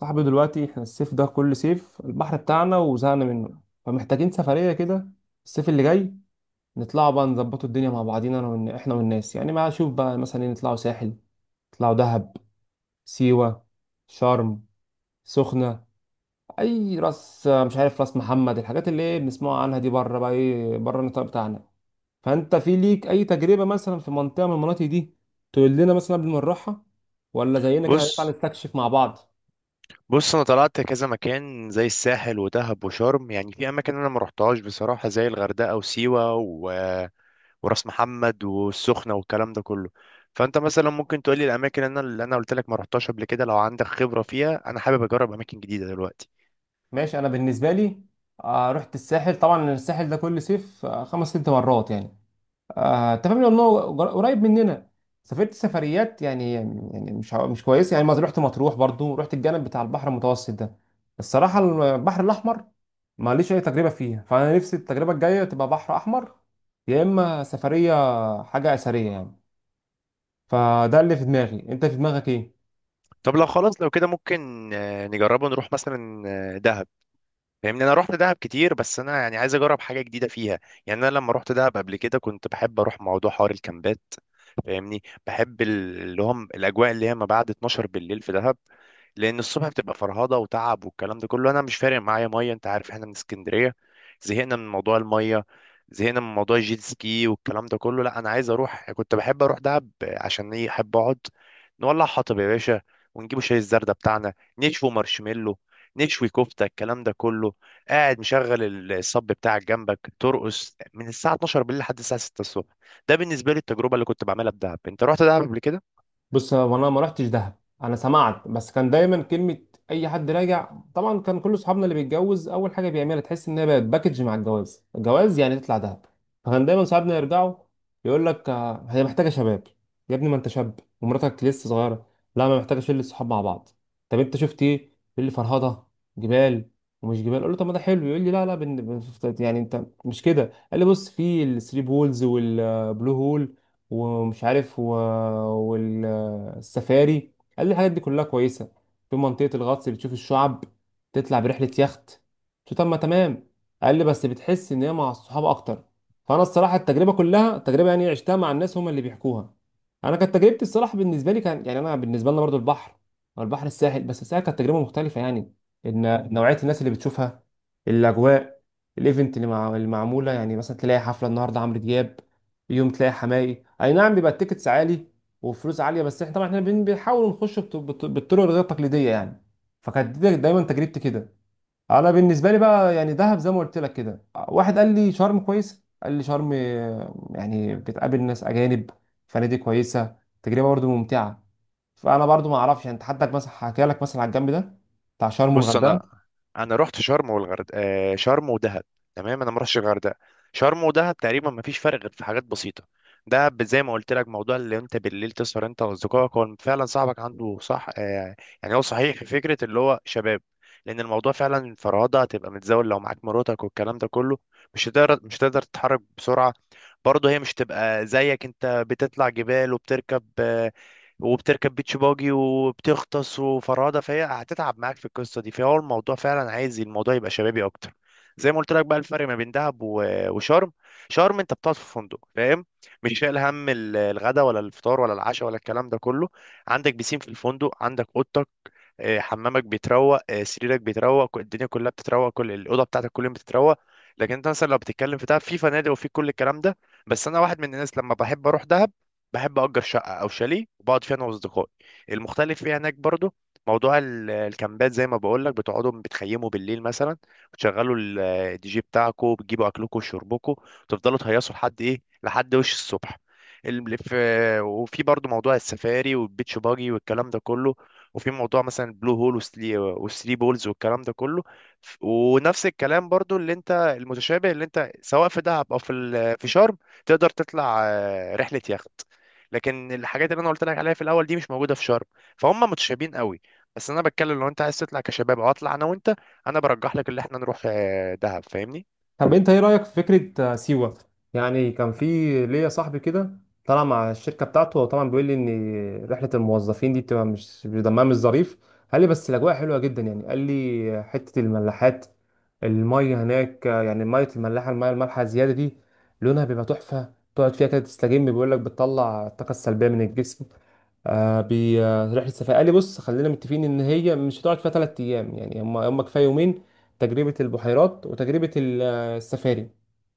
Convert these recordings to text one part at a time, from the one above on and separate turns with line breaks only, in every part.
صاحبي دلوقتي احنا الصيف ده كل صيف البحر بتاعنا وزهقنا منه. فمحتاجين سفرية كده الصيف اللي جاي، نطلعوا بقى نظبطوا الدنيا مع بعضينا انا احنا والناس. يعني ما اشوف بقى مثلا ايه، نطلعوا ساحل، نطلعوا دهب، سيوة، شرم، سخنة، اي راس، مش عارف راس محمد، الحاجات اللي ايه بنسمعها عنها دي، بره بقى ايه بره النطاق بتاعنا. فانت في ليك اي تجربة مثلا في منطقة من المناطق دي تقول لنا مثلا قبل ما نروحها، ولا زينا كده هنطلع
بص
نستكشف مع بعض؟
بص، انا طلعت كذا مكان زي الساحل ودهب وشرم، يعني في اماكن انا ما رحتهاش بصراحه زي الغردقه وسيوه وراس محمد والسخنه والكلام ده كله. فانت مثلا ممكن تقولي الاماكن اللي انا قلت لك ما رحتهاش قبل كده، لو عندك خبره فيها انا حابب اجرب اماكن جديده دلوقتي.
ماشي، انا بالنسبه لي، رحت الساحل طبعا، الساحل ده كل صيف، خمس ست مرات يعني. انت فاهم لانه قريب مننا. سافرت سفريات يعني مش مش كويسه، يعني مثلا رحت مطروح، برضو رحت الجانب بتاع البحر المتوسط ده. الصراحه البحر الاحمر ماليش اي تجربه فيها، فانا نفسي التجربه الجايه تبقى بحر احمر، يا اما سفريه حاجه اثريه يعني. فده اللي في دماغي، انت في دماغك ايه؟
طب لو خلاص لو كده ممكن نجربه، نروح مثلا دهب. فاهمني، انا رحت دهب كتير بس انا يعني عايز اجرب حاجه جديده فيها. يعني انا لما رحت دهب قبل كده كنت بحب اروح موضوع حوار الكامبات. فاهمني، بحب اللي هم الاجواء اللي هي ما بعد 12 بالليل في دهب، لان الصبح بتبقى فرهضه وتعب والكلام ده كله. انا مش فارق معايا ميه، انت عارف احنا من اسكندريه، زهقنا من موضوع الميه، زهقنا من موضوع الجيت سكي والكلام ده كله. لا انا عايز اروح، كنت بحب اروح دهب عشان ايه؟ احب اقعد نولع حطب يا باشا، ونجيبوا شاي الزردة بتاعنا، نشوي مارشميلو، نشوي كفتة، الكلام ده كله. قاعد مشغل الصب بتاعك جنبك، ترقص من الساعه 12 بالليل لحد الساعه 6 الصبح. ده بالنسبه لي التجربه اللي كنت بعملها في دهب. انت رحت دهب قبل كده؟
بص، هو انا ما رحتش دهب، انا سمعت بس. كان دايما كلمه اي حد راجع، طبعا كان كل اصحابنا اللي بيتجوز اول حاجه بيعملها تحس ان هي بقت باكج مع الجواز، الجواز يعني تطلع دهب. فكان دايما صحابنا يرجعوا يقول لك هي محتاجه شباب. يا ابني ما انت شاب ومراتك لسه صغيره، لا ما محتاجه شله صحاب مع بعض. طب انت شفت ايه؟ يقول لي فرهضه، جبال ومش جبال. اقول له طب ما ده حلو، يقول لي لا يعني انت مش كده. قال لي بص، في الثري بولز والبلو هول ومش عارف و... والسفاري، قال لي الحاجات دي كلها كويسة. في منطقة الغطس بتشوف الشعب، تطلع برحلة يخت. قلت له طب ما تمام، قال لي بس بتحس ان هي مع الصحاب اكتر. فانا الصراحة التجربة كلها تجربة يعني عشتها مع الناس، هم اللي بيحكوها. انا كانت تجربتي الصراحة بالنسبة لي كان يعني، انا بالنسبة لنا برضو البحر، او البحر الساحل، بس الساحل كانت تجربة مختلفة يعني، ان نوعية الناس اللي بتشوفها، الاجواء، الايفنت اللي معمولة. يعني مثلا تلاقي حفلة النهاردة عمرو دياب، يوم تلاقي حماقي، اي نعم بيبقى التيكتس عالي وفلوس عاليه، بس احنا طبعا احنا بنحاول نخش بالطرق الغير تقليديه يعني. فكانت دي دايما تجربتي كده. انا بالنسبه لي بقى يعني دهب زي ما قلت لك كده، واحد قال لي شرم كويس، قال لي شرم يعني بتقابل ناس اجانب، فنادق كويسه، تجربه برضو ممتعه. فانا برضو ما اعرفش، يعني انت حدك مثلا حكى لك مثلا على الجنب ده بتاع شرم
بص انا،
والغردقه؟
انا رحت شرم والغرد شرم ودهب، تمام. انا ما رحتش الغردقه. شرم ودهب تقريبا ما فيش فرق غير في حاجات بسيطه. دهب زي ما قلت لك، موضوع اللي انت بالليل تسهر انت واصدقائك. هو فعلا صاحبك عنده صح يعني هو صحيح في فكره اللي هو شباب، لان الموضوع فعلا فرهضه، هتبقى متزاول لو معاك مراتك والكلام ده كله. مش هتقدر تتحرك بسرعه، برضه هي مش تبقى زيك، انت بتطلع جبال وبتركب وبتركب بيتش باجي وبتغطس وفرادة، فهي هتتعب معاك في القصة دي. فهو الموضوع فعلا عايز الموضوع يبقى شبابي أكتر. زي ما قلت لك بقى، الفرق ما بين دهب وشرم: شرم أنت بتقعد في فندق، فاهم؟ مش شايل هم الغدا ولا الفطار ولا العشاء ولا الكلام ده كله. عندك بيسين في الفندق، عندك أوضتك، حمامك بيتروق، سريرك بيتروق، الدنيا كلها بتتروق، كل الاوضه بتاعتك كل يوم بتتروق. لكن انت مثلا لو بتتكلم في دهب، في فنادق وفي كل الكلام ده، بس انا واحد من الناس لما بحب اروح دهب بحب اجر شقه او شاليه وبقعد فيها انا واصدقائي. المختلف فيها هناك برضو موضوع الكامبات، زي ما بقول لك بتقعدوا بتخيموا بالليل مثلا، بتشغلوا الدي جي بتاعكم، بتجيبوا اكلكم وشربكم، وتفضلوا تهيصوا لحد ايه، لحد وش الصبح. وفي برضو موضوع السفاري والبيتش باجي والكلام ده كله، وفي موضوع مثلا البلو هول وثري بولز والكلام ده كله. ونفس الكلام برضو اللي انت، المتشابه اللي انت سواء في دهب او في في شرم، تقدر تطلع رحله يخت. لكن الحاجات اللي انا قلت لك عليها في الاول دي مش موجوده في شرم، فهم متشابهين قوي. بس انا بتكلم لو انت عايز تطلع كشباب، او اطلع انا وانت، انا برجح لك اللي احنا نروح دهب، فاهمني.
طب انت ايه رأيك في فكرة سيوة؟ يعني كان في ليا صاحبي كده طلع مع الشركة بتاعته، وطبعا بيقول لي ان رحلة الموظفين دي بتبقى مش دمها مش ظريف. قال لي بس الاجواء حلوة جدا، يعني قال لي حتة الملاحات المية هناك يعني مية الملاحة، المية المالحة زيادة دي لونها بيبقى تحفة، تقعد فيها كده تستجم، بيقول لك بتطلع الطاقة السلبية من الجسم. آه بي آه، رحلة السفاري قال لي بص خلينا متفقين ان هي مش هتقعد فيها ثلاث ايام، يعني هم كفايه يومين، تجربة البحيرات وتجربة السفاري.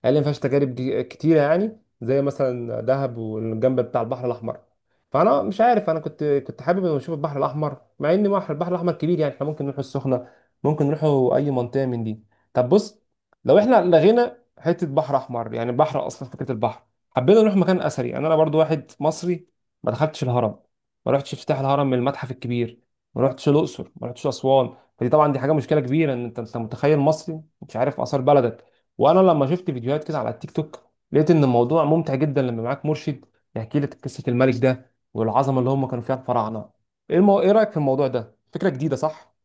قال لي ما فيهاش تجارب كتيره يعني زي مثلا دهب والجنب بتاع البحر الاحمر. فانا مش عارف، انا كنت حابب إني اشوف البحر الاحمر، مع ان بحر البحر الاحمر كبير، يعني احنا ممكن نروح السخنه، ممكن نروحوا اي منطقه من دي. طب بص، لو احنا لغينا حته بحر احمر يعني بحر اصلا، فكره البحر، حبينا نروح مكان اثري. يعني انا برضو واحد مصري ما دخلتش الهرم، ما رحتش افتتاح الهرم من المتحف الكبير، ما رحتش الاقصر، ما رحتش اسوان. فدي طبعا دي حاجه مشكله كبيره، ان انت متخيل مصري مش عارف اثار بلدك. وانا لما شفت فيديوهات كده على التيك توك، لقيت ان الموضوع ممتع جدا لما معاك مرشد يحكي لك قصه الملك ده والعظمه اللي هم كانوا فيها الفراعنه. ايه رايك في الموضوع ده، فكره جديده صح؟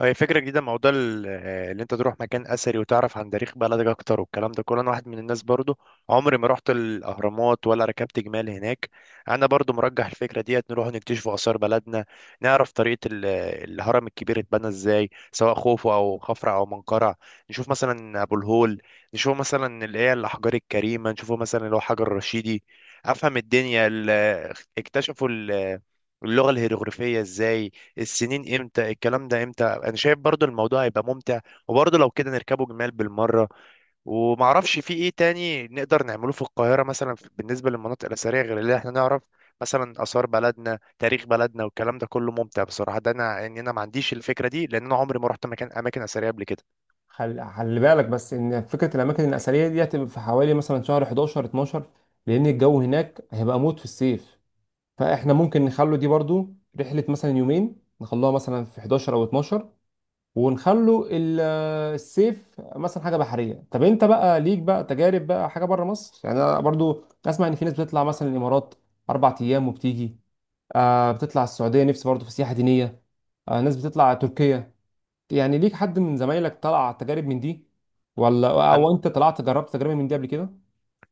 هي فكرة جديدة، موضوع اللي انت تروح مكان اثري وتعرف عن تاريخ بلدك اكتر والكلام ده كله. انا واحد من الناس برضو عمري ما رحت الاهرامات ولا ركبت جمال هناك. انا برضو مرجح الفكرة ديت، نروح نكتشف اثار بلدنا، نعرف طريقة الهرم الكبير اتبنى ازاي، سواء خوفو او خفرع او منقرع. نشوف مثلا ابو الهول، نشوف مثلا اللي هي الاحجار الكريمة، نشوفه مثلا اللي هو حجر الرشيدي. افهم الدنيا اكتشفوا اللغة الهيروغليفية ازاي، السنين امتى، الكلام ده امتى. انا شايف برضو الموضوع هيبقى ممتع، وبرضو لو كده نركبه جمال بالمره. ومعرفش في ايه تاني نقدر نعمله في القاهره مثلا بالنسبه للمناطق الاثريه غير اللي احنا نعرف، مثلا اثار بلدنا، تاريخ بلدنا والكلام ده كله. ممتع بصراحه ده، انا يعني انا ما عنديش الفكره دي، لان انا عمري ما رحت مكان اماكن اثريه قبل كده.
خلي بالك بس ان فكره الاماكن الاثريه دي هتبقى في حوالي مثلا شهر 11 12، لان الجو هناك هيبقى موت في الصيف. فاحنا ممكن نخلو دي برضو رحله مثلا يومين، نخلوها مثلا في 11 او 12، ونخلوا ال- السيف مثلا حاجه بحريه. طب انت بقى ليك بقى تجارب بقى حاجه بره مصر؟ يعني انا برضو اسمع ان في ناس بتطلع مثلا الامارات اربع ايام وبتيجي، آه بتطلع السعوديه، نفسي برضو في سياحه دينيه، آه ناس بتطلع تركيا. يعني ليك حد من زمايلك طلع تجارب من دي، ولا
أنا-
او انت طلعت جربت تجربه من دي قبل كده؟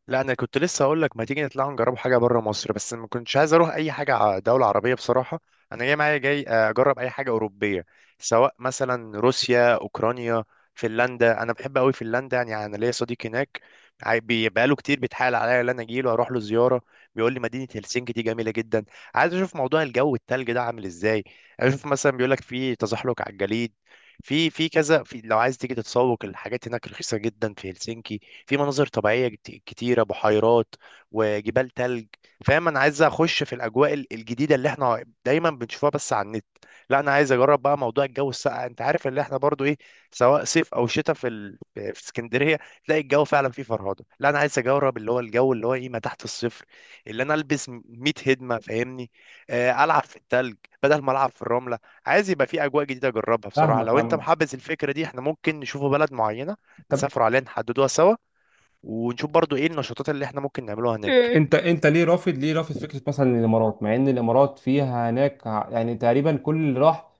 لا انا كنت لسه هقول لك، ما تيجي نطلع نجرب حاجه بره مصر، بس ما كنتش عايز اروح اي حاجه دوله عربيه بصراحه. انا جاي معايا جاي اجرب اي حاجه اوروبيه، سواء مثلا روسيا، اوكرانيا، فنلندا. انا بحب قوي فنلندا، يعني انا ليا صديق هناك، بقاله كتير بيتحايل عليا ان انا اجي له، اروح له زياره. بيقول لي مدينه هلسنكي دي جميله جدا. عايز اشوف موضوع الجو التلج ده عامل ازاي، عايز اشوف مثلا بيقول لك في تزحلق على الجليد، في في كذا، في لو عايز تيجي تتسوق الحاجات هناك رخيصه جدا في هلسنكي، في مناظر طبيعيه كتيره، بحيرات وجبال تلج. فاهم، انا عايز اخش في الاجواء الجديده اللي احنا دايما بنشوفها بس على النت. لا انا عايز اجرب بقى موضوع الجو الساقع، انت عارف اللي احنا برضو ايه، سواء صيف او شتاء في اسكندريه تلاقي الجو فعلا فيه فرهده. لا انا عايز اجرب اللي هو الجو اللي هو ايه، ما تحت الصفر، اللي انا البس 100 هدمه، فاهمني. العب في التلج بدل ما العب في الرمله. عايز يبقى في اجواء جديده اجربها بصراحه.
فاهمك
لو انت
فاهمك.
محبذ الفكره دي احنا ممكن نشوفوا بلد معينه،
طب
نسافر عليها، نحددوها سوا، ونشوف برضو ايه النشاطات اللي احنا ممكن نعملوها هناك.
انت ليه رافض فكره مثلا الامارات، مع ان الامارات فيها هناك يعني تقريبا كل اللي راح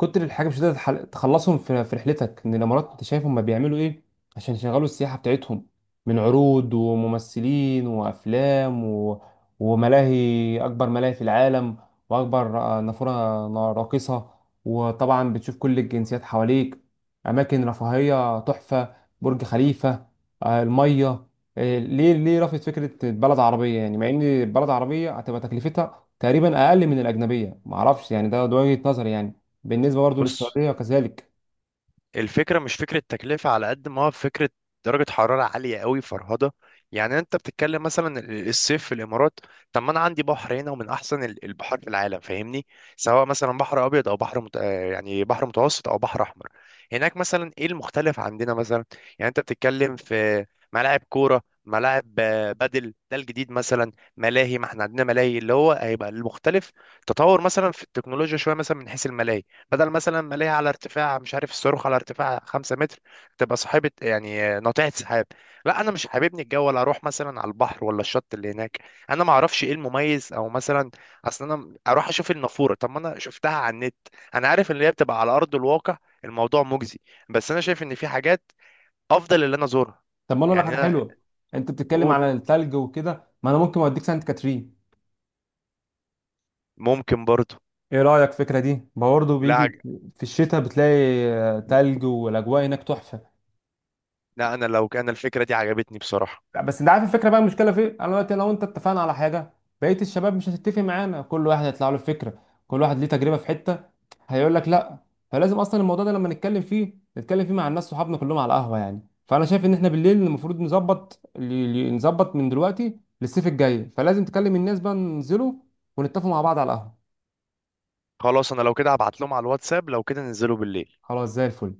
كتر الحاجه مش هتقدر تخلصهم في رحلتك. ان الامارات انت شايف هم بيعملوا ايه عشان يشغلوا السياحه بتاعتهم، من عروض وممثلين وافلام وملاهي، اكبر ملاهي في العالم، واكبر نافوره راقصه، وطبعا بتشوف كل الجنسيات حواليك، اماكن رفاهيه تحفه، برج خليفه، الميه. إيه، ليه رفضت فكره بلد عربيه، يعني مع ان بلد عربيه هتبقى تكلفتها تقريبا اقل من الاجنبيه؟ ما اعرفش يعني، ده وجهه نظري يعني بالنسبه برضه
بص،
للسعوديه وكذلك.
الفكرة مش فكرة تكلفة على قد ما هو فكرة درجة حرارة عالية قوي، فرهضة. يعني انت بتتكلم مثلا الصيف في الامارات، طب ما انا عندي بحر هنا ومن احسن البحار في العالم، فاهمني. سواء مثلا بحر ابيض او بحر مت... آه، يعني بحر متوسط او بحر احمر. هناك مثلا ايه المختلف عندنا مثلا؟ يعني انت بتتكلم في ملاعب كورة، ملاعب بدل ده الجديد مثلا ملاهي، ما احنا عندنا ملاهي، اللي هو هيبقى المختلف تطور مثلا في التكنولوجيا شوية مثلا من حيث الملاهي. بدل مثلا ما ليها على ارتفاع، مش عارف، الصاروخ على ارتفاع 5 متر، تبقى صاحبة يعني ناطحة سحاب. لا انا مش حاببني الجو ولا اروح مثلا على البحر ولا الشط اللي هناك، انا ما اعرفش ايه المميز، او مثلا اصلا انا اروح اشوف النافورة؟ طب ما انا شفتها على النت، انا عارف ان هي بتبقى على ارض الواقع، الموضوع مجزي، بس انا شايف ان في حاجات افضل اللي انا ازورها.
طب ما انا اقول لك
يعني
حاجه
انا،
حلوه، انت بتتكلم
قول.
على الثلج وكده، ما انا ممكن اوديك سانت كاترين.
ممكن برضو.
ايه رايك في الفكره دي برضه؟
لا
بيجي
عج...
في الشتاء بتلاقي تلج والاجواء هناك تحفه.
لا انا لو كان الفكرة دي عجبتني بصراحة.
لا، بس انت عارف الفكره بقى المشكله في إيه؟ انا دلوقتي لو انت اتفقنا على حاجه، بقيه الشباب مش هتتفق معانا، كل واحد هيطلع له فكره، كل واحد ليه تجربه في حته، هيقول لك لا. فلازم اصلا الموضوع ده لما نتكلم فيه نتكلم فيه مع الناس صحابنا كلهم على القهوه يعني. فانا شايف ان احنا بالليل المفروض نظبط من دلوقتي للصيف الجاي، فلازم تكلم الناس بقى ننزلوا ونتفقوا مع بعض على القهوه.
خلاص انا لو كده هبعت لهم على الواتساب، لو كده ننزلوا بالليل.
خلاص زي الفل.